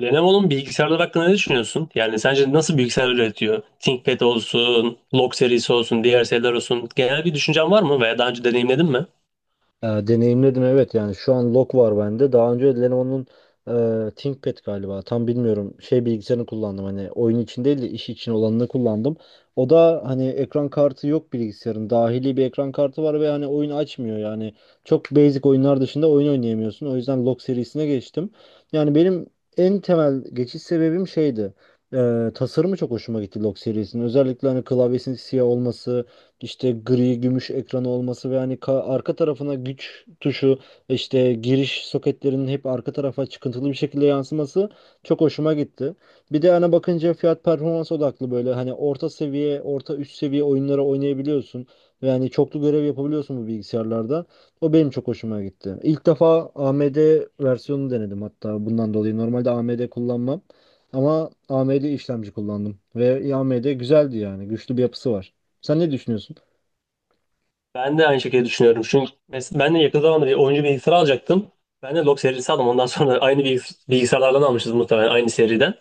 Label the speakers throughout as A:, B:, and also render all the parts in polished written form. A: Lenovo'nun bilgisayarları hakkında ne düşünüyorsun? Yani sence nasıl bilgisayar üretiyor? ThinkPad olsun, Log serisi olsun, diğer seriler olsun. Genel bir düşüncen var mı veya daha önce deneyimledin mi?
B: Deneyimledim, evet. Yani şu an Log var bende. Daha önce Lenovo'nun ThinkPad galiba, tam bilmiyorum, şey bilgisayarını kullandım, hani oyun için değil de iş için olanını kullandım. O da hani ekran kartı yok, bilgisayarın dahili bir ekran kartı var ve hani oyun açmıyor yani çok basic oyunlar dışında oyun oynayamıyorsun. O yüzden Log serisine geçtim. Yani benim en temel geçiş sebebim şeydi. Tasarımı çok hoşuma gitti Log serisinin. Özellikle hani klavyesinin siyah olması, işte gri gümüş ekranı olması ve hani arka tarafına güç tuşu, işte giriş soketlerinin hep arka tarafa çıkıntılı bir şekilde yansıması çok hoşuma gitti. Bir de ana bakınca fiyat performans odaklı, böyle hani orta seviye, orta üst seviye oyunlara oynayabiliyorsun. Ve hani çoklu görev yapabiliyorsun bu bilgisayarlarda. O benim çok hoşuma gitti. İlk defa AMD versiyonunu denedim hatta bundan dolayı. Normalde AMD kullanmam ama AMD işlemci kullandım ve AMD güzeldi, yani güçlü bir yapısı var. Sen ne düşünüyorsun?
A: Ben de aynı şekilde düşünüyorum. Çünkü ben de yakın zamanda bir oyuncu bilgisayarı alacaktım. Ben de Log serisi aldım. Ondan sonra aynı bilgisayarlardan almışız muhtemelen aynı seriden.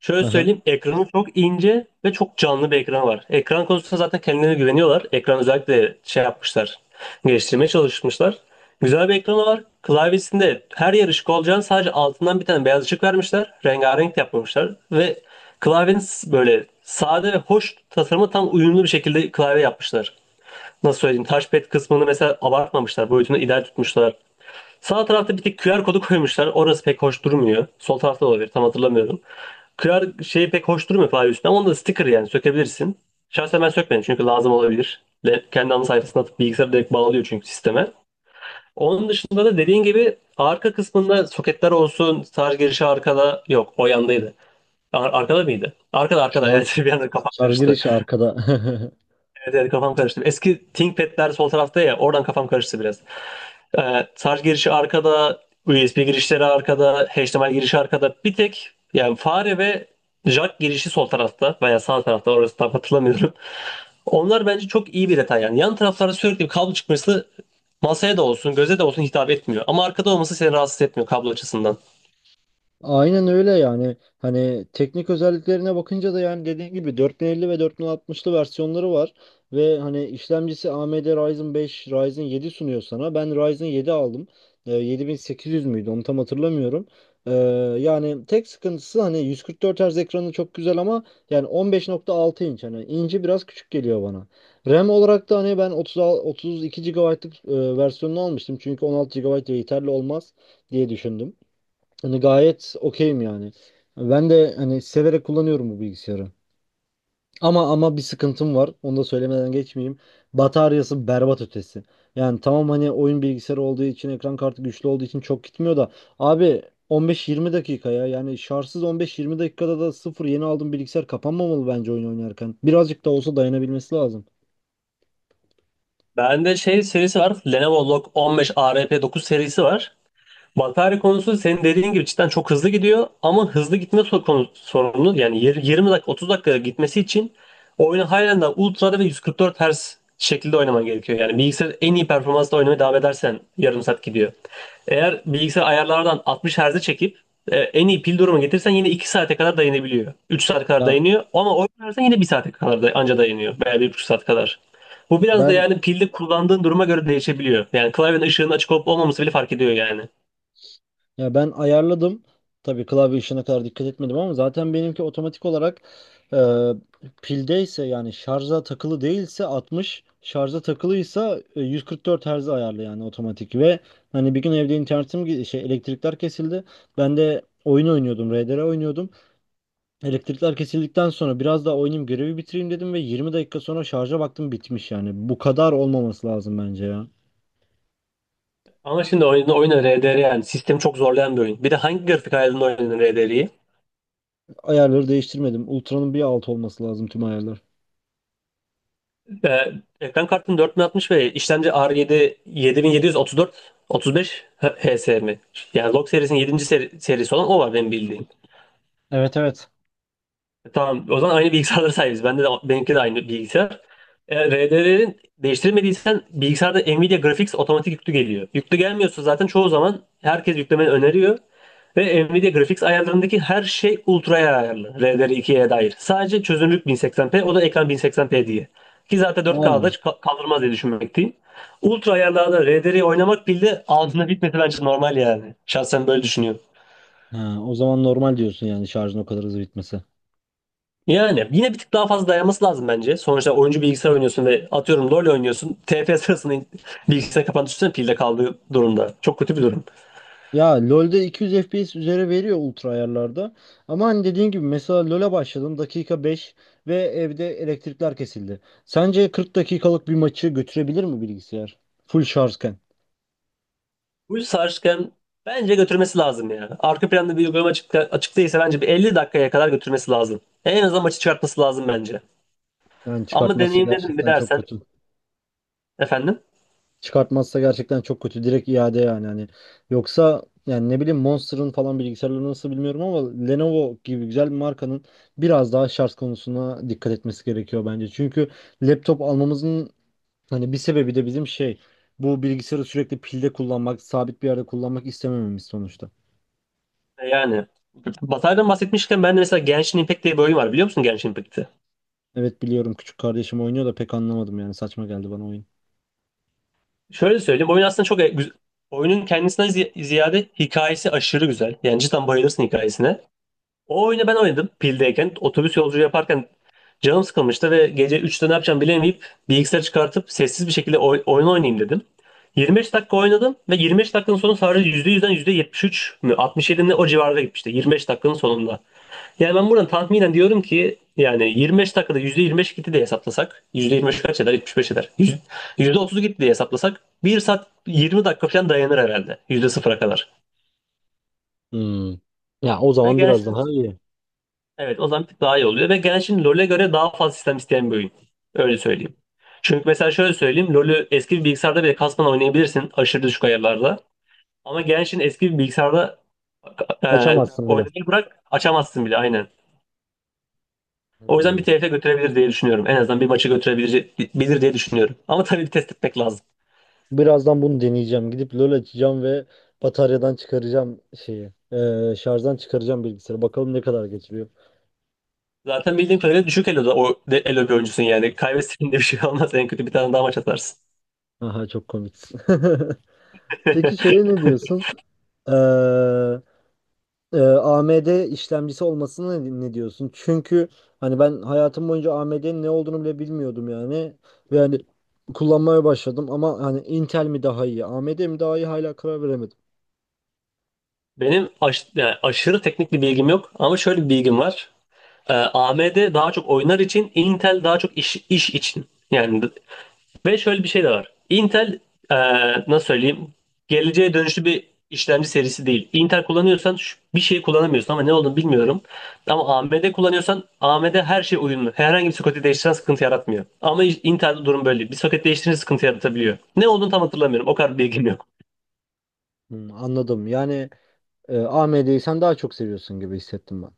A: Şöyle
B: Aha.
A: söyleyeyim, ekranı çok ince ve çok canlı bir ekran var. Ekran konusunda zaten kendilerine güveniyorlar. Ekran özellikle şey yapmışlar, geliştirmeye çalışmışlar. Güzel bir ekranı var. Klavyesinde her yer ışık olacağını sadece altından bir tane beyaz ışık vermişler. Rengarenk yapmamışlar ve klavyenin böyle sade ve hoş tasarımı tam uyumlu bir şekilde klavye yapmışlar. Nasıl söyleyeyim, touchpad kısmını mesela abartmamışlar, boyutunu ideal tutmuşlar. Sağ tarafta bir tek QR kodu koymuşlar. Orası pek hoş durmuyor. Sol tarafta da olabilir, tam hatırlamıyorum. Kırar şey pek hoş durmuyor klavye üstüne ama onda da sticker yani sökebilirsin. Şahsen ben sökmedim çünkü lazım olabilir. Kendi ana sayfasına atıp bilgisayara direkt bağlıyor çünkü sisteme. Onun dışında da dediğin gibi arka kısmında soketler olsun, şarj girişi arkada yok, o yandaydı. Arkada mıydı? Arkada, arkada
B: Şar,
A: evet, bir anda kafam
B: şarj
A: karıştı.
B: girişi arkada.
A: Evet, evet, kafam karıştı. Eski ThinkPad'ler sol tarafta ya, oradan kafam karıştı biraz. Şarj girişi arkada, USB girişleri arkada, HDMI girişi arkada. Bir tek yani fare ve jack girişi sol tarafta veya sağ tarafta, orası tam hatırlamıyorum. Onlar bence çok iyi bir detay yani. Yan taraflarda sürekli bir kablo çıkması masaya da olsun, göze de olsun hitap etmiyor. Ama arkada olması seni rahatsız etmiyor kablo açısından.
B: Aynen öyle yani. Hani teknik özelliklerine bakınca da, yani dediğim gibi, 4050 ve 4060'lı versiyonları var. Ve hani işlemcisi AMD Ryzen 5, Ryzen 7 sunuyor sana. Ben Ryzen 7 aldım. 7800 müydü, onu tam hatırlamıyorum. Ee, yani tek sıkıntısı, hani 144 Hz ekranı çok güzel ama yani 15.6 inç, hani inci biraz küçük geliyor bana. RAM olarak da hani ben 32 GB'lık versiyonunu almıştım. Çünkü 16 gigabayt yeterli olmaz diye düşündüm. Hani gayet okeyim yani. Ben de hani severek kullanıyorum bu bilgisayarı. Ama bir sıkıntım var. Onu da söylemeden geçmeyeyim. Bataryası berbat ötesi. Yani tamam, hani oyun bilgisayarı olduğu için, ekran kartı güçlü olduğu için çok gitmiyor da abi, 15-20 dakika ya. Yani şarjsız 15-20 dakikada da sıfır, yeni aldığım bilgisayar kapanmamalı bence oyun oynarken. Birazcık da olsa dayanabilmesi lazım.
A: Bende şey serisi var. Lenovo Log 15 ARP 9 serisi var. Vampire konusu senin dediğin gibi cidden çok hızlı gidiyor, ama hızlı gitme sorunu yani 20 dakika 30 dakika gitmesi için oyunu halen daha ultra'da ve 144 Hz şekilde oynaman gerekiyor. Yani bilgisayar en iyi performansla oynamaya devam edersen yarım saat gidiyor. Eğer bilgisayar ayarlardan 60 Hz'e çekip en iyi pil durumu getirsen yine 2 saate kadar dayanabiliyor. 3 saat kadar
B: Ya
A: dayanıyor, ama oynarsan yine bir saate kadar da anca dayanıyor veya 1,5 saat kadar. Bu biraz da
B: ben
A: yani pilde kullandığın duruma göre değişebiliyor. Yani klavyenin ışığının açık olup olmaması bile fark ediyor yani.
B: Ya ben ayarladım. Tabii klavye işine kadar dikkat etmedim ama zaten benimki otomatik olarak, e, pildeyse yani şarja takılı değilse 60, şarja takılıysa 144 Hz ayarlı, yani otomatik. Ve hani bir gün evde internetim şey, elektrikler kesildi. Ben de oyun oynuyordum, RDR oynuyordum. Elektrikler kesildikten sonra biraz daha oynayayım, görevi bitireyim dedim ve 20 dakika sonra şarja baktım, bitmiş yani. Bu kadar olmaması lazım bence ya.
A: Ama şimdi oyun, RDR yani sistemi çok zorlayan bir oyun. Bir de hangi grafik ayarında oynadın RDR'yi?
B: Ayarları değiştirmedim. Ultra'nın bir altı olması lazım tüm ayarlar.
A: Ee, Ekran kartın 4060 ve işlemci R7 7734 35 HS mi? Yani Log serisinin yedinci serisi olan o var benim bildiğim.
B: Evet, evet.
A: Tamam. O zaman aynı bilgisayarlara sahibiz. Bende de, benimki de aynı bilgisayar. RDR'lerin değiştirmediysen bilgisayarda Nvidia Graphics otomatik yüklü geliyor. Yüklü gelmiyorsa zaten çoğu zaman herkes yüklemeni öneriyor. Ve Nvidia Graphics ayarlarındaki her şey ultra'ya ayarlı. RDR ikiye dair. Sadece çözünürlük 1080p, o da ekran 1080p diye. Ki zaten 4K'da
B: Aa,
A: kaldırmaz diye düşünmekteyim. Ultra ayarlarda RDR'yi oynamak bile altında bitmesi bence normal yani. Şahsen böyle düşünüyorum.
B: ha, o zaman normal diyorsun yani şarjın o kadar hızlı bitmesi.
A: Yani yine bir tık daha fazla dayanması lazım bence. Sonuçta oyuncu bilgisayar oynuyorsun ve atıyorum LoL oynuyorsun. TP sırasında bilgisayar kapandı düşünsene pilde kaldığı durumda. Çok kötü bir durum.
B: Ya LoL'de 200 FPS üzere veriyor ultra ayarlarda. Ama hani dediğin gibi, mesela LoL'e başladım dakika 5 ve evde elektrikler kesildi. Sence 40 dakikalık bir maçı götürebilir mi bilgisayar? Full şarjken.
A: Bu yüzden sarışken bence götürmesi lazım ya. Arka planda bir uygulama açık, açık değilse bence bir 50 dakikaya kadar götürmesi lazım. En azından maçı çıkartması lazım bence.
B: Yani
A: Ama
B: çıkartması
A: deneyimledim mi
B: gerçekten çok
A: dersen,
B: kötü.
A: efendim,
B: Çıkartmazsa gerçekten çok kötü. Direkt iade yani hani. Yoksa yani, ne bileyim, Monster'ın falan bilgisayarları nasıl bilmiyorum ama Lenovo gibi güzel bir markanın biraz daha şarj konusuna dikkat etmesi gerekiyor bence. Çünkü laptop almamızın hani bir sebebi de bizim şey, bu bilgisayarı sürekli pilde kullanmak, sabit bir yerde kullanmak istemememiz sonuçta.
A: Yani bataydan bahsetmişken ben de mesela Genshin Impact diye bir oyun var, biliyor musun Genshin Impact'i?
B: Evet, biliyorum, küçük kardeşim oynuyor da pek anlamadım yani, saçma geldi bana oyun.
A: Şöyle söyleyeyim. Oyun aslında çok güzel. Oyunun kendisinden ziyade hikayesi aşırı güzel. Yani cidden bayılırsın hikayesine. O oyunu ben oynadım pildeyken. Otobüs yolculuğu yaparken canım sıkılmıştı ve gece üçte ne yapacağım bilemeyip bilgisayarı çıkartıp sessiz bir şekilde oyun oynayayım dedim. 25 dakika oynadım ve 25 dakikanın sonu sadece %100'den %73 mü, 67 mi, o civarda gitmişti. 25 dakikanın sonunda. Yani ben buradan tahminen diyorum ki yani 25 dakikada %25 gitti diye hesaplasak, %25 kaç eder? 75 eder. %30 gitti diye hesaplasak bir saat 20 dakika falan dayanır herhalde %0'a kadar.
B: Hmm. Ya, o
A: Ve
B: zaman biraz
A: Genshin,
B: daha iyi.
A: evet, o zaman bir tık daha iyi oluyor ve Genshin LoL'e göre daha fazla sistem isteyen bir oyun. Öyle söyleyeyim. Çünkü mesela şöyle söyleyeyim, LoL'ü eski bir bilgisayarda bile kasmadan oynayabilirsin aşırı düşük ayarlarda. Ama Genshin eski bir bilgisayarda e,
B: Açamazsın bile.
A: oynamayı bırak, açamazsın bile, aynen. O yüzden
B: Hmm.
A: bir TFF götürebilir diye düşünüyorum. En azından bir maçı götürebilir bilir diye düşünüyorum. Ama tabii bir test etmek lazım.
B: Birazdan bunu deneyeceğim. Gidip LoL açacağım ve bataryadan çıkaracağım şeyi. Şarjdan çıkaracağım bilgisayarı. Bakalım ne kadar geçiriyor.
A: Zaten bildiğim kadarıyla düşük eloda o elo bir oyuncusun yani. Kaybettiğinde bir şey olmaz. En kötü bir tane daha maç atarsın.
B: Aha, çok komiksin. Peki şeye ne diyorsun? Ee, AMD işlemcisi olmasına ne diyorsun? Çünkü hani ben hayatım boyunca AMD'nin ne olduğunu bile bilmiyordum yani. Ve hani kullanmaya başladım ama hani Intel mi daha iyi, AMD mi daha iyi hala karar veremedim.
A: Benim yani aşırı teknik bir bilgim yok ama şöyle bir bilgim var. AMD daha çok oyunlar için, Intel daha çok iş için. Yani ve şöyle bir şey de var. Intel e, nasıl söyleyeyim? Geleceğe dönüşlü bir işlemci serisi değil. Intel kullanıyorsan bir şey kullanamıyorsun ama ne olduğunu bilmiyorum. Ama AMD kullanıyorsan AMD her şey uyumlu. Herhangi bir soketi değiştiren sıkıntı yaratmıyor. Ama Intel'de durum böyle değil. Bir soket değiştirince sıkıntı yaratabiliyor. Ne olduğunu tam hatırlamıyorum. O kadar bilgim yok.
B: Hmm, anladım. Yani AMD'yi sen daha çok seviyorsun gibi hissettim ben.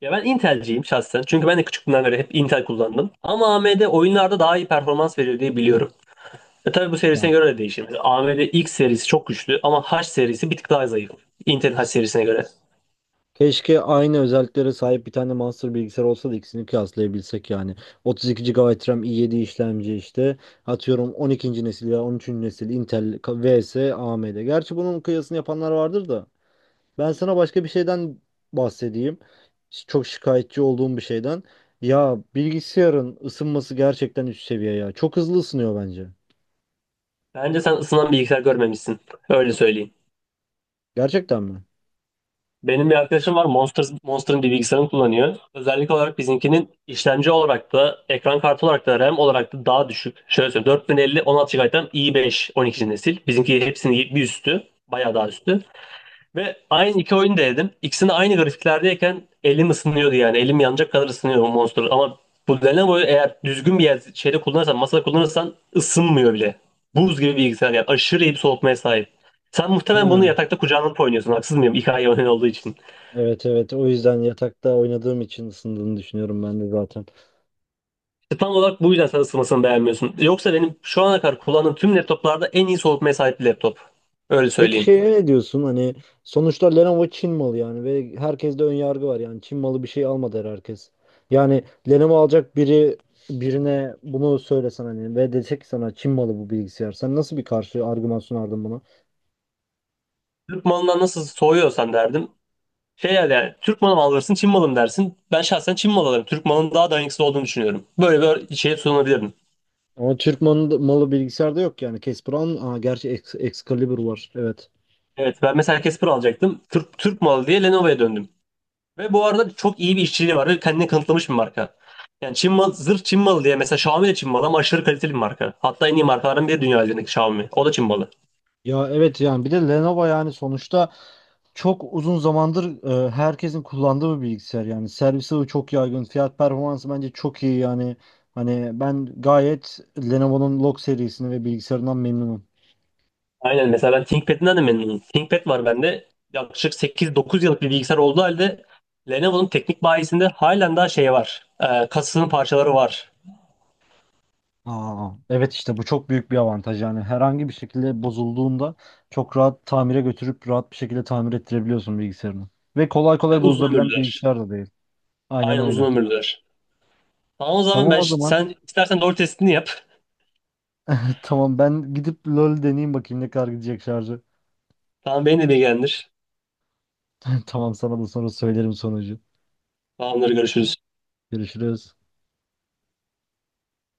A: Ya ben Intel'ciyim şahsen. Çünkü ben de küçüklüğümden beri hep Intel kullandım. Ama AMD oyunlarda daha iyi performans veriyor diye biliyorum. E tabii bu serisine
B: Ya,
A: göre de değişir. AMD X serisi çok güçlü ama H serisi bir tık daha zayıf. Intel H serisine göre.
B: keşke aynı özelliklere sahip bir tane master bilgisayar olsa da ikisini kıyaslayabilsek yani. 32 GB RAM, i7 işlemci işte. Atıyorum 12. nesil ya 13. nesil Intel vs AMD. Gerçi bunun kıyasını yapanlar vardır da. Ben sana başka bir şeyden bahsedeyim. Çok şikayetçi olduğum bir şeyden. Ya, bilgisayarın ısınması gerçekten üst seviye ya. Çok hızlı ısınıyor bence.
A: Bence sen ısınan bilgisayar görmemişsin. Öyle söyleyeyim.
B: Gerçekten mi?
A: Benim bir arkadaşım var, Monster, Monster'ın bir bilgisayarını kullanıyor. Özellik olarak bizimkinin işlemci olarak da, ekran kartı olarak da, RAM olarak da daha düşük. Şöyle söyleyeyim, 4050 16 GB'den i5 12. nesil. Bizimki hepsinin bir üstü. Bayağı daha üstü. Ve aynı iki oyunu da denedim. İkisini aynı grafiklerdeyken elim ısınıyordu yani. Elim yanacak kadar ısınıyor o Monster. Ama bu Lenovo'yu eğer düzgün bir yer, şeyde kullanırsan, masada kullanırsan ısınmıyor bile. Buz gibi bir bilgisayar yani. Aşırı iyi bir soğutmaya sahip. Sen muhtemelen bunu
B: Ha,
A: yatakta kucağına alıp oynuyorsun. Haksız mıyım? 2 ay oyun olduğu için.
B: evet, evet, o yüzden yatakta oynadığım için ısındığını düşünüyorum ben de zaten.
A: İşte tam olarak bu yüzden sen ısınmasını beğenmiyorsun. Yoksa benim şu ana kadar kullandığım tüm laptoplarda en iyi soğutmaya sahip bir laptop. Öyle
B: Peki
A: söyleyeyim.
B: şeye ne diyorsun? Hani sonuçta Lenovo Çin malı yani ve herkeste ön yargı var yani Çin malı bir şey almadı herkes. Yani Lenovo alacak birine bunu söylesen hani, ve desek ki sana Çin malı bu bilgisayar. Sen nasıl bir karşı argüman sunardın buna?
A: Türk malından nasıl soğuyorsan derdim. Şey yani, yani Türk malı mı alırsın, Çin malı mı dersin? Ben şahsen Çin malı alırım. Türk malının daha dayanıksız olduğunu düşünüyorum. Böyle bir şeye sunabilirdim.
B: Ama Türk malı bilgisayarda yok yani. Casper'ın, aa, gerçi Ex- Excalibur var. Evet.
A: Evet, ben mesela Casper alacaktım. Türk malı diye Lenovo'ya döndüm. Ve bu arada çok iyi bir işçiliği var ve kendini kanıtlamış bir marka. Yani Çin malı, zırh Çin malı diye, mesela Xiaomi de Çin malı ama aşırı kaliteli bir marka. Hatta en iyi markaların biri dünya üzerindeki Xiaomi. O da Çin malı.
B: Ya evet, yani bir de Lenovo, yani sonuçta çok uzun zamandır herkesin kullandığı bir bilgisayar yani, servisi de çok yaygın, fiyat performansı bence çok iyi yani. Hani ben gayet Lenovo'nun Log serisini ve bilgisayarından memnunum.
A: Aynen, mesela ben ThinkPad'inden de memnunum. ThinkPad var bende. Yaklaşık 8-9 yıllık bir bilgisayar olduğu halde Lenovo'nun teknik bayisinde halen daha şey var. Kasasının parçaları var.
B: Aa, evet, işte bu çok büyük bir avantaj yani, herhangi bir şekilde bozulduğunda çok rahat tamire götürüp rahat bir şekilde tamir ettirebiliyorsun bilgisayarını. Ve kolay
A: Ve
B: kolay
A: uzun
B: bozulabilen bir
A: ömürlüler.
B: bilgisayar da değil. Aynen
A: Aynen uzun
B: öyle.
A: ömürlüler. Tamam, o zaman
B: Tamam,
A: ben,
B: o zaman.
A: sen istersen doğru testini yap.
B: Tamam, ben gidip LoL deneyeyim, bakayım ne kadar gidecek şarjı.
A: Tamam, beni de bilgilendir.
B: Tamam, sana da sonra söylerim sonucu.
A: Tamamdır, görüşürüz.
B: Görüşürüz.